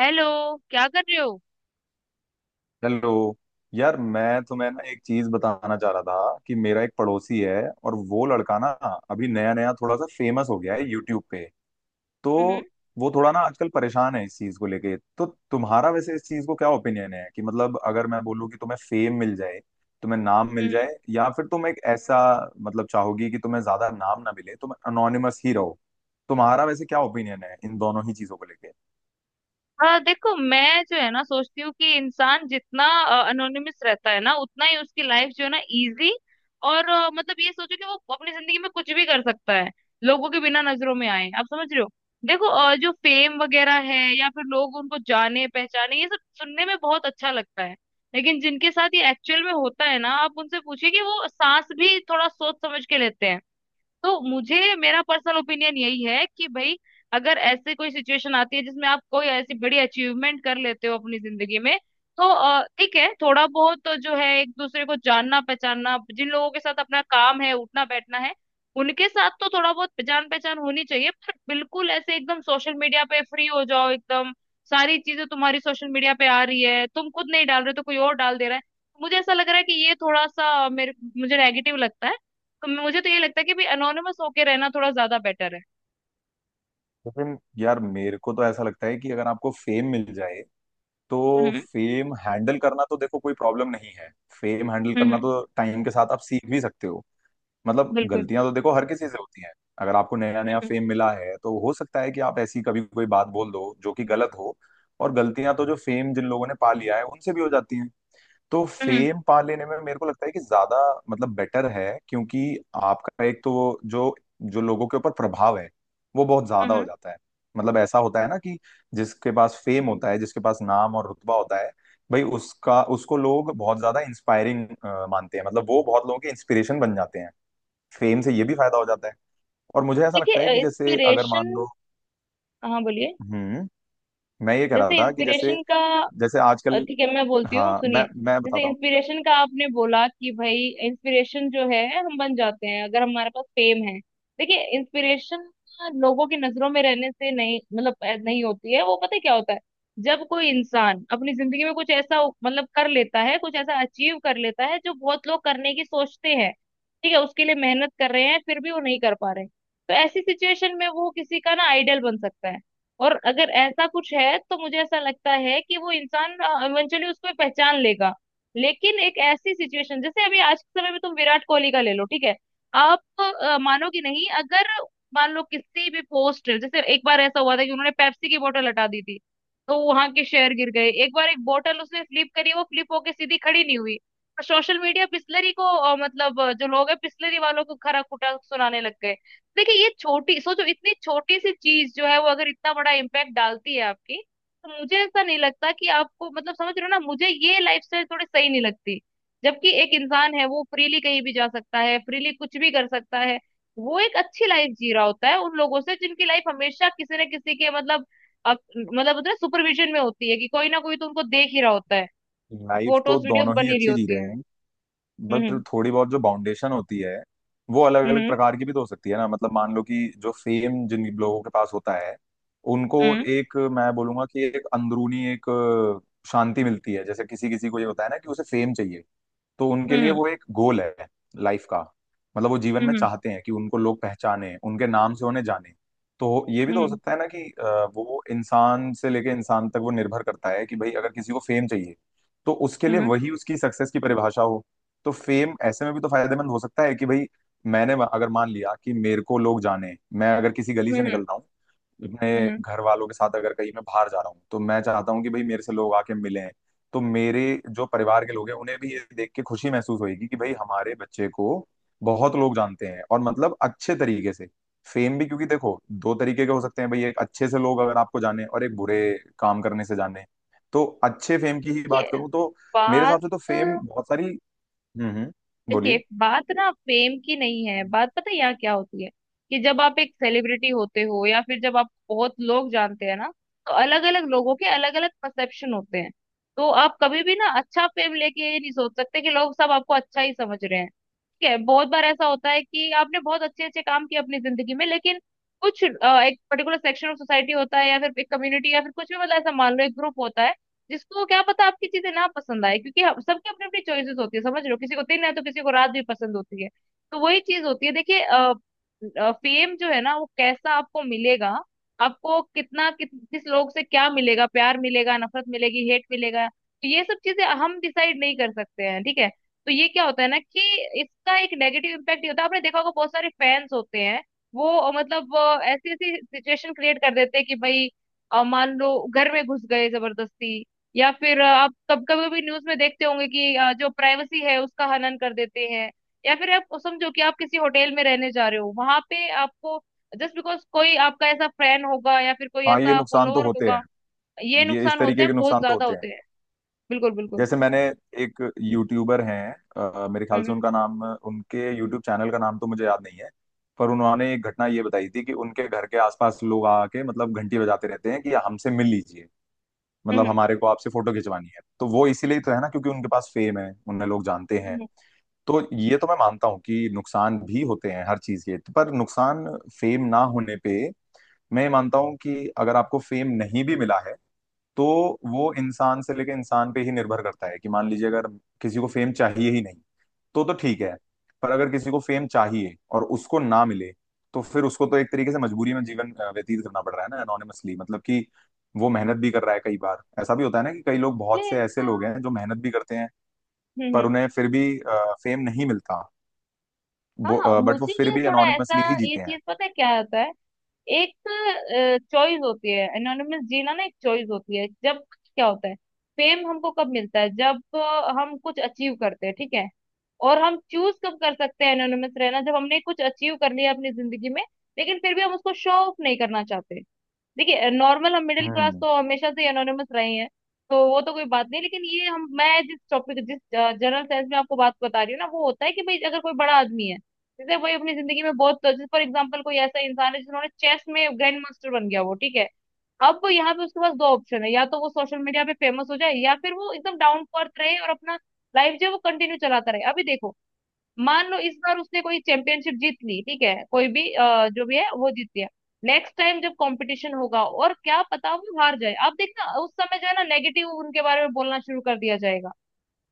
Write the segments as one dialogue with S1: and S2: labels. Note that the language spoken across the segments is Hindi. S1: हेलो। क्या कर रहे हो।
S2: हेलो। यार, मैं तुम्हें ना एक चीज बताना चाह रहा था कि मेरा एक पड़ोसी है, और वो लड़का ना अभी नया नया थोड़ा सा फेमस हो गया है यूट्यूब पे। तो
S1: हम्म।
S2: वो थोड़ा ना आजकल परेशान है इस चीज को लेके। तो तुम्हारा वैसे इस चीज को क्या ओपिनियन है कि मतलब अगर मैं बोलूँ कि तुम्हें फेम मिल जाए, तुम्हें नाम मिल
S1: हम्म।
S2: जाए, या फिर तुम एक ऐसा मतलब चाहोगी कि तुम्हें ज्यादा नाम ना मिले, तुम अनोनिमस ही रहो? तुम्हारा वैसे क्या ओपिनियन है इन दोनों ही चीजों को लेके?
S1: हाँ, देखो, मैं जो है ना सोचती हूँ कि इंसान जितना अनोनिमस रहता है ना उतना ही उसकी लाइफ जो है ना इजी। और मतलब ये सोचो कि वो अपनी जिंदगी में कुछ भी कर सकता है, लोगों के बिना नजरों में आए। आप समझ रहे हो? देखो, जो फेम वगैरह है या फिर लोग उनको जाने पहचाने, ये सब सुनने में बहुत अच्छा लगता है, लेकिन जिनके साथ ये एक्चुअल में होता है ना, आप उनसे पूछिए कि वो सांस भी थोड़ा सोच समझ के लेते हैं। तो मुझे, मेरा पर्सनल ओपिनियन यही है कि भाई, अगर ऐसे कोई सिचुएशन आती है जिसमें आप कोई ऐसी बड़ी अचीवमेंट कर लेते हो अपनी जिंदगी में, तो ठीक है, थोड़ा बहुत तो जो है एक दूसरे को जानना पहचानना, जिन लोगों के साथ अपना काम है, उठना बैठना है, उनके साथ तो थोड़ा बहुत जान पहचान होनी चाहिए। पर बिल्कुल ऐसे एकदम सोशल मीडिया पे फ्री हो जाओ, एकदम सारी चीजें तुम्हारी सोशल मीडिया पे आ रही है, तुम खुद नहीं डाल रहे हो तो कोई और डाल दे रहा है, मुझे ऐसा लग रहा है कि ये थोड़ा सा मेरे मुझे नेगेटिव लगता है। तो मुझे तो ये लगता है कि भी अनोनिमस होके रहना थोड़ा ज्यादा बेटर है।
S2: लेकिन यार, मेरे को तो ऐसा लगता है कि अगर आपको फेम मिल जाए तो
S1: हम्म।
S2: फेम हैंडल करना तो देखो कोई प्रॉब्लम नहीं है। फेम हैंडल करना
S1: हम्म।
S2: तो टाइम के साथ आप सीख भी सकते हो। मतलब
S1: बिल्कुल।
S2: गलतियां तो देखो हर किसी से होती हैं। अगर आपको नया नया
S1: हम्म।
S2: फेम मिला है तो हो सकता है कि आप ऐसी कभी कोई बात बोल दो जो कि गलत हो। और गलतियां तो जो फेम जिन लोगों ने पा लिया है उनसे भी हो जाती हैं। तो
S1: हम्म।
S2: फेम पा लेने में मेरे को लगता है कि ज्यादा मतलब बेटर है, क्योंकि आपका एक तो वो जो जो लोगों के ऊपर प्रभाव है वो बहुत ज्यादा
S1: हम्म।
S2: हो जाता है। मतलब ऐसा होता है ना कि जिसके पास फेम होता है, जिसके पास नाम और रुतबा होता है, भाई उसका उसको लोग बहुत ज्यादा इंस्पायरिंग मानते हैं। मतलब वो बहुत लोगों के इंस्पिरेशन बन जाते हैं। फेम से ये भी फायदा हो जाता है। और मुझे ऐसा लगता है
S1: देखिए
S2: कि जैसे अगर
S1: इंस्पिरेशन।
S2: मान लो।
S1: हाँ, बोलिए।
S2: हम्म। मैं ये कह रहा
S1: जैसे
S2: था कि जैसे
S1: इंस्पिरेशन का,
S2: जैसे आजकल।
S1: ठीक है, मैं बोलती हूँ,
S2: हाँ,
S1: सुनिए।
S2: मैं
S1: जैसे
S2: बताता हूँ।
S1: इंस्पिरेशन का आपने बोला कि भाई, इंस्पिरेशन जो है हम बन जाते हैं अगर हमारे पास फेम है। देखिए, इंस्पिरेशन लोगों की नजरों में रहने से नहीं, मतलब नहीं होती है। वो पता है क्या होता है, जब कोई इंसान अपनी जिंदगी में कुछ ऐसा मतलब कर लेता है, कुछ ऐसा अचीव कर लेता है जो बहुत लोग करने की सोचते हैं, ठीक है, उसके लिए मेहनत कर रहे हैं, फिर भी वो नहीं कर पा रहे, तो ऐसी सिचुएशन में वो किसी का ना आइडल बन सकता है। और अगर ऐसा कुछ है, तो मुझे ऐसा लगता है कि वो इंसान इवेंचुअली उसको पहचान लेगा। लेकिन एक ऐसी सिचुएशन, जैसे अभी आज के समय में तुम विराट कोहली का ले लो, ठीक है। आप मानोगे नहीं, अगर मान लो किसी भी पोस्टर, जैसे एक बार ऐसा हुआ था कि उन्होंने पेप्सी की बोतल हटा दी थी, तो वहां के शेयर गिर गए। एक बार एक बोतल उसने फ्लिप करी, वो फ्लिप होके सीधी खड़ी नहीं हुई, सोशल मीडिया पिस्लरी को मतलब जो लोग है पिस्लरी वालों को खरा खुटा सुनाने लग गए। देखिए ये छोटी, सोचो इतनी छोटी सी चीज जो है वो अगर इतना बड़ा इम्पैक्ट डालती है आपकी, तो मुझे ऐसा नहीं लगता कि आपको, मतलब समझ रहे हो ना, मुझे ये लाइफस्टाइल थोड़ी सही नहीं लगती। जबकि एक इंसान है, वो फ्रीली कहीं भी जा सकता है, फ्रीली कुछ भी कर सकता है, वो एक अच्छी लाइफ जी रहा होता है उन लोगों से जिनकी लाइफ हमेशा किसी न किसी के, मतलब मतलब होता है सुपरविजन में होती है कि कोई ना कोई तो उनको देख ही रहा होता है,
S2: लाइफ तो
S1: फोटोज वीडियोस
S2: दोनों ही
S1: बनी रही
S2: अच्छी जी
S1: होती
S2: रहे
S1: है।
S2: हैं। बट
S1: हम्म।
S2: थोड़ी बहुत जो बाउंडेशन होती है वो अलग अलग
S1: हम्म।
S2: प्रकार की भी तो हो सकती है ना। मतलब मान लो कि जो फेम जिन लोगों के पास होता है, उनको
S1: हम्म।
S2: एक, मैं बोलूंगा कि एक अंदरूनी एक शांति मिलती है। जैसे किसी किसी को ये होता है ना कि उसे फेम चाहिए। तो उनके लिए
S1: हम्म।
S2: वो एक गोल है लाइफ का। मतलब वो जीवन में
S1: हम्म।
S2: चाहते हैं कि उनको लोग पहचाने, उनके नाम से उन्हें जाने। तो ये भी तो हो
S1: हम्म।
S2: सकता है ना कि वो इंसान से लेके इंसान तक वो निर्भर करता है कि भाई अगर किसी को फेम चाहिए तो उसके लिए
S1: हम्म।
S2: वही उसकी सक्सेस की परिभाषा हो। तो फेम ऐसे में भी तो फायदेमंद हो सकता है कि भाई मैंने अगर मान लिया कि मेरे को लोग जाने, मैं अगर किसी गली
S1: हम्म।
S2: से निकल
S1: हम्म।
S2: रहा हूँ
S1: हम्म।
S2: अपने
S1: हम्म।
S2: घर वालों के साथ, अगर कहीं मैं बाहर जा रहा हूँ तो मैं चाहता हूँ कि भाई मेरे से लोग आके मिलें। तो मेरे जो परिवार के लोग हैं उन्हें भी ये देख के खुशी महसूस होगी कि भाई हमारे बच्चे को बहुत लोग जानते हैं, और मतलब अच्छे तरीके से। फेम भी क्योंकि देखो दो तरीके के हो सकते हैं भाई, एक अच्छे से लोग अगर आपको जाने और एक बुरे काम करने से जाने। तो अच्छे फेम की ही बात करूं तो मेरे हिसाब
S1: बात
S2: से तो फेम बहुत सारी। हम्म, हम्म।
S1: देखिए,
S2: बोलिए।
S1: बात ना फेम की नहीं है, बात पता है यहाँ क्या होती है, कि जब आप एक सेलिब्रिटी होते हो या फिर जब आप बहुत लोग जानते हैं ना, तो अलग अलग लोगों के अलग अलग परसेप्शन होते हैं। तो आप कभी भी ना अच्छा फेम लेके ये नहीं सोच सकते कि लोग सब आपको अच्छा ही समझ रहे हैं। है, बहुत बार ऐसा होता है कि आपने बहुत अच्छे अच्छे काम किए अपनी जिंदगी में, लेकिन कुछ एक पर्टिकुलर सेक्शन ऑफ सोसाइटी होता है या फिर एक कम्युनिटी या फिर कुछ भी, मतलब ऐसा मान लो एक ग्रुप होता है जिसको क्या पता आपकी चीजें ना पसंद आए, क्योंकि सबकी अपनी अपनी चॉइसेस होती है। समझ लो किसी को दिन है तो किसी को रात भी पसंद होती है, तो वही चीज होती है। देखिए फेम जो है ना वो कैसा आपको मिलेगा, आपको कितना किस लोग से क्या मिलेगा, प्यार मिलेगा, नफरत मिलेगी, हेट मिलेगा, तो ये सब चीजें हम डिसाइड नहीं कर सकते हैं, ठीक है। तो ये क्या होता है ना कि इसका एक नेगेटिव इम्पैक्ट ये होता है, आपने देखा होगा बहुत सारे फैंस होते हैं, वो मतलब ऐसी ऐसी सिचुएशन क्रिएट कर देते हैं कि भाई मान लो घर में घुस गए जबरदस्ती, या फिर आप कब कभी कभी न्यूज में देखते होंगे कि जो प्राइवेसी है उसका हनन कर देते हैं, या फिर आप समझो कि आप किसी होटल में रहने जा रहे हो, वहां पे आपको जस्ट बिकॉज कोई आपका ऐसा फ्रेंड होगा या फिर कोई
S2: हाँ, ये
S1: ऐसा
S2: नुकसान तो
S1: फॉलोअर
S2: होते हैं।
S1: होगा, ये
S2: ये इस
S1: नुकसान होते
S2: तरीके के
S1: हैं, बहुत
S2: नुकसान तो
S1: ज्यादा
S2: होते हैं।
S1: होते हैं। बिल्कुल। बिल्कुल।
S2: जैसे मैंने, एक यूट्यूबर हैं, मेरे ख्याल
S1: हम्म।
S2: से उनका नाम उनके यूट्यूब चैनल का नाम तो मुझे याद नहीं है। पर उन्होंने एक घटना ये बताई थी कि उनके घर के आसपास लोग आके मतलब घंटी बजाते रहते हैं कि हमसे मिल लीजिए।
S1: हम्म।
S2: मतलब
S1: हम्म।
S2: हमारे को आपसे फोटो खिंचवानी है, तो वो इसीलिए तो है ना क्योंकि उनके पास फेम है, उन्हें लोग जानते
S1: हम्म।
S2: हैं।
S1: हम्म।
S2: तो ये तो
S1: हम्म।
S2: मैं मानता हूँ कि नुकसान भी होते हैं हर चीज के। पर नुकसान फेम ना होने पे, मैं ये मानता हूँ कि अगर आपको फेम नहीं भी मिला है तो वो इंसान से लेकर इंसान पे ही निर्भर करता है कि मान लीजिए अगर किसी को फेम चाहिए ही नहीं, तो ठीक है। पर अगर किसी को फेम चाहिए और उसको ना मिले तो फिर उसको तो एक तरीके से मजबूरी में जीवन व्यतीत करना पड़ रहा है ना एनोनिमसली, मतलब कि वो मेहनत भी कर रहा है। कई बार ऐसा भी होता है ना कि कई लोग बहुत
S1: इसलिए
S2: से ऐसे
S1: ऐसा।
S2: लोग हैं जो मेहनत भी करते हैं,
S1: हम्म।
S2: पर
S1: हम्म।
S2: उन्हें फिर भी फेम नहीं मिलता,
S1: हाँ,
S2: बट वो
S1: मुझे
S2: फिर
S1: ये
S2: भी
S1: थोड़ा ऐसा,
S2: एनोनिमसली ही
S1: ये
S2: जीते हैं।
S1: चीज पता है क्या होता है। एक चॉइस होती है एनोनिमस जीना ना, एक चॉइस होती है जब क्या होता है, फेम हमको कब मिलता है, जब हम कुछ अचीव करते हैं, ठीक है। और हम चूज कब कर सकते हैं एनोनिमस रहना, जब हमने कुछ अचीव कर लिया अपनी जिंदगी में, लेकिन फिर भी हम उसको शो ऑफ नहीं करना चाहते। देखिए नॉर्मल हम मिडिल क्लास
S2: हम्म।
S1: तो हमेशा से एनोनिमस रहे हैं, तो वो तो कोई बात नहीं, लेकिन ये हम, मैं जिस टॉपिक, जिस जनरल सेंस में आपको बात बता रही हूँ ना, वो होता है कि भाई अगर कोई बड़ा आदमी है, जैसे भाई अपनी जिंदगी में बहुत, जैसे फॉर एग्जाम्पल कोई ऐसा इंसान है जिन्होंने चेस में ग्रैंड मास्टर बन गया, वो ठीक है, अब यहाँ पे उसके पास दो ऑप्शन है, या तो वो सोशल मीडिया पे फेमस हो जाए या फिर वो एकदम डाउन टू अर्थ रहे और अपना लाइफ जो है वो कंटिन्यू चलाता रहे। अभी देखो, मान लो इस बार उसने कोई चैंपियनशिप जीत ली, ठीक है, कोई भी जो भी है वो जीत लिया, नेक्स्ट टाइम जब कंपटीशन होगा और क्या पता वो हार जाए, आप देखना उस समय जो है ना नेगेटिव उनके बारे में बोलना शुरू कर दिया जाएगा,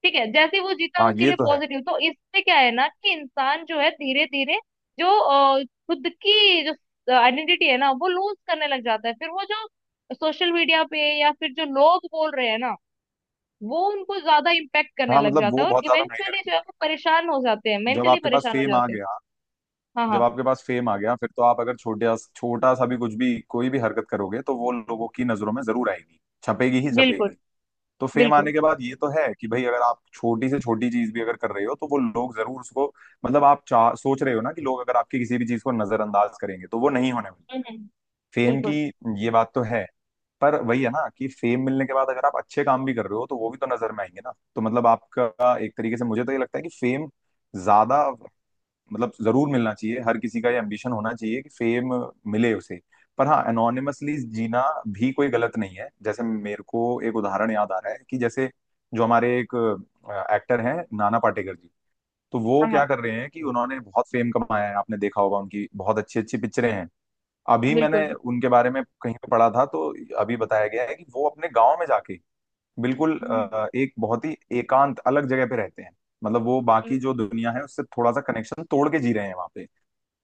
S1: ठीक है, जैसे ही वो जीता
S2: हाँ,
S1: उसके
S2: ये
S1: लिए
S2: तो है।
S1: पॉजिटिव। तो इससे क्या है ना कि इंसान जो है धीरे धीरे जो खुद की जो आइडेंटिटी है ना वो लूज करने लग जाता है, फिर वो जो सोशल मीडिया पे या फिर जो लोग बोल रहे हैं ना, वो उनको ज्यादा इम्पेक्ट करने
S2: हाँ
S1: लग
S2: मतलब
S1: जाता
S2: वो
S1: है और
S2: बहुत ज्यादा मायने
S1: इवेंचुअली जो है
S2: रखता
S1: वो परेशान हो जाते हैं,
S2: है जब
S1: मेंटली
S2: आपके पास
S1: परेशान हो
S2: फेम आ
S1: जाते हैं।
S2: गया।
S1: हाँ
S2: जब
S1: हाँ।
S2: आपके पास फेम आ गया, फिर तो आप अगर छोटा छोटा सा भी कुछ भी कोई भी हरकत करोगे तो वो लोगों की नजरों में जरूर आएगी, छपेगी ही
S1: बिल्कुल
S2: छपेगी। तो फेम आने
S1: बिल्कुल।
S2: के बाद ये तो है कि भाई अगर आप छोटी से छोटी चीज भी अगर कर रहे हो तो वो लोग जरूर उसको। मतलब आप चाह सोच रहे हो ना कि लोग अगर आपकी किसी भी चीज को नजरअंदाज करेंगे तो वो नहीं होने वाली
S1: हम्म।
S2: फेम की।
S1: बिल्कुल।
S2: ये बात तो है। पर वही है ना कि फेम मिलने के बाद अगर आप अच्छे काम भी कर रहे हो तो वो भी तो नजर में आएंगे ना, तो मतलब आपका एक तरीके से मुझे तो ये लगता है कि फेम ज्यादा मतलब जरूर मिलना चाहिए। हर किसी का ये एम्बिशन होना चाहिए कि फेम मिले उसे। पर हाँ, एनोनिमसली जीना भी कोई गलत नहीं है। जैसे मेरे को एक उदाहरण याद आ रहा है कि जैसे जो हमारे एक एक्टर हैं, नाना पाटेकर जी। तो वो
S1: हाँ
S2: क्या
S1: हाँ।
S2: कर रहे हैं कि उन्होंने बहुत फेम कमाया है, आपने देखा होगा उनकी बहुत अच्छी अच्छी पिक्चरें हैं। अभी मैंने
S1: बिल्कुल।
S2: उनके बारे में कहीं पे पढ़ा था, तो अभी बताया गया है कि वो अपने गांव में जाके बिल्कुल
S1: हम्म।
S2: एक बहुत ही एकांत अलग जगह पे रहते हैं। मतलब वो
S1: हम्म,
S2: बाकी जो दुनिया है उससे थोड़ा सा कनेक्शन तोड़ के जी रहे हैं वहां पे।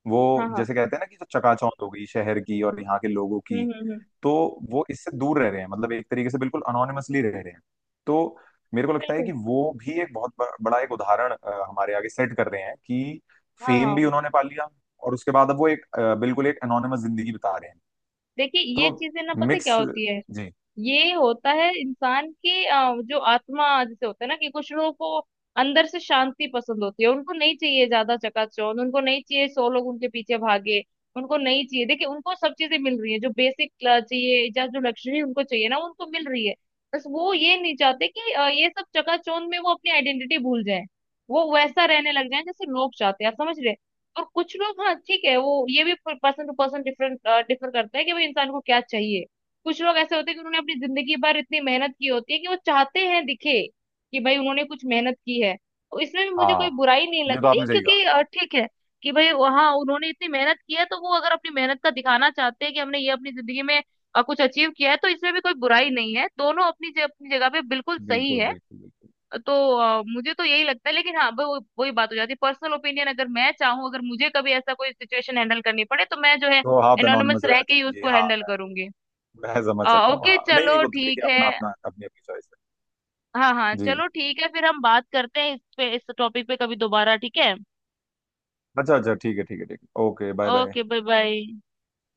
S2: वो
S1: हाँ हाँ।
S2: जैसे कहते हैं ना कि जो चकाचौंध हो गई शहर की और यहाँ के लोगों
S1: हम्म।
S2: की।
S1: हम्म।
S2: तो वो इससे दूर रह रहे हैं, मतलब एक तरीके से बिल्कुल अनोनिमसली रह रहे हैं। तो मेरे को लगता है
S1: बिल्कुल।
S2: कि वो भी एक बहुत बड़ा एक उदाहरण हमारे आगे सेट कर रहे हैं कि
S1: हाँ
S2: फेम
S1: हाँ।
S2: भी उन्होंने पा लिया, और उसके बाद अब वो एक बिल्कुल एक अनोनिमस जिंदगी बिता रहे हैं।
S1: देखिए ये
S2: तो
S1: चीजें ना पता है क्या
S2: मिक्स
S1: होती है,
S2: जी।
S1: ये होता है इंसान की जो आत्मा, जैसे होता है ना कि कुछ लोगों को अंदर से शांति पसंद होती है, उनको नहीं चाहिए ज्यादा चकाचौंध, उनको नहीं चाहिए सौ लोग उनके पीछे भागे, उनको नहीं चाहिए। देखिए उनको सब चीजें मिल रही है जो बेसिक चाहिए या जो लग्जरी उनको चाहिए ना उनको मिल रही है, बस वो ये नहीं चाहते कि ये सब चकाचौंध में वो अपनी आइडेंटिटी भूल जाए, वो वैसा रहने लग जाए जैसे लोग चाहते हैं। आप समझ रहे हैं? और कुछ लोग, हाँ ठीक है, वो ये भी person to person different, differ करता है कि भाई इंसान को क्या चाहिए। कुछ लोग ऐसे होते हैं कि उन्होंने अपनी जिंदगी भर इतनी मेहनत की होती है कि वो चाहते हैं दिखे कि भाई उन्होंने कुछ मेहनत की है, तो इसमें भी मुझे
S2: हाँ,
S1: कोई बुराई नहीं
S2: ये तो
S1: लगती,
S2: आपने सही कहा।
S1: क्योंकि ठीक है, कि भाई, हाँ उन्होंने इतनी मेहनत की है, तो वो अगर अपनी मेहनत का दिखाना चाहते हैं कि हमने ये अपनी जिंदगी में कुछ अचीव किया है, तो इसमें भी कोई बुराई नहीं है, दोनों अपनी अपनी जगह पे बिल्कुल सही
S2: बिल्कुल,
S1: है।
S2: बिल्कुल, बिल्कुल।
S1: तो मुझे तो यही लगता है, लेकिन हाँ वो वही बात हो जाती है, पर्सनल ओपिनियन, अगर मैं चाहूँ, अगर मुझे कभी ऐसा कोई सिचुएशन हैंडल करनी पड़े तो मैं जो है
S2: तो आप
S1: एनोनिमस
S2: एनोनिमस
S1: रह
S2: रहना
S1: के ही
S2: चाहिए।
S1: उसको
S2: हाँ,
S1: हैंडल
S2: मैं
S1: करूंगी।
S2: मैं समझ सकता हूँ।
S1: ओके,
S2: हाँ, नहीं, नहीं,
S1: चलो
S2: वो तो
S1: ठीक
S2: देखिए
S1: है।
S2: अपना अपना अपनी अपनी चॉइस
S1: हाँ हाँ,
S2: है जी।
S1: चलो ठीक है, फिर हम बात करते हैं इस पे, इस टॉपिक पे कभी दोबारा, ठीक है।
S2: अच्छा, अच्छा, ठीक है, ठीक है, ठीक है, okay, bye bye.
S1: Okay, bye bye.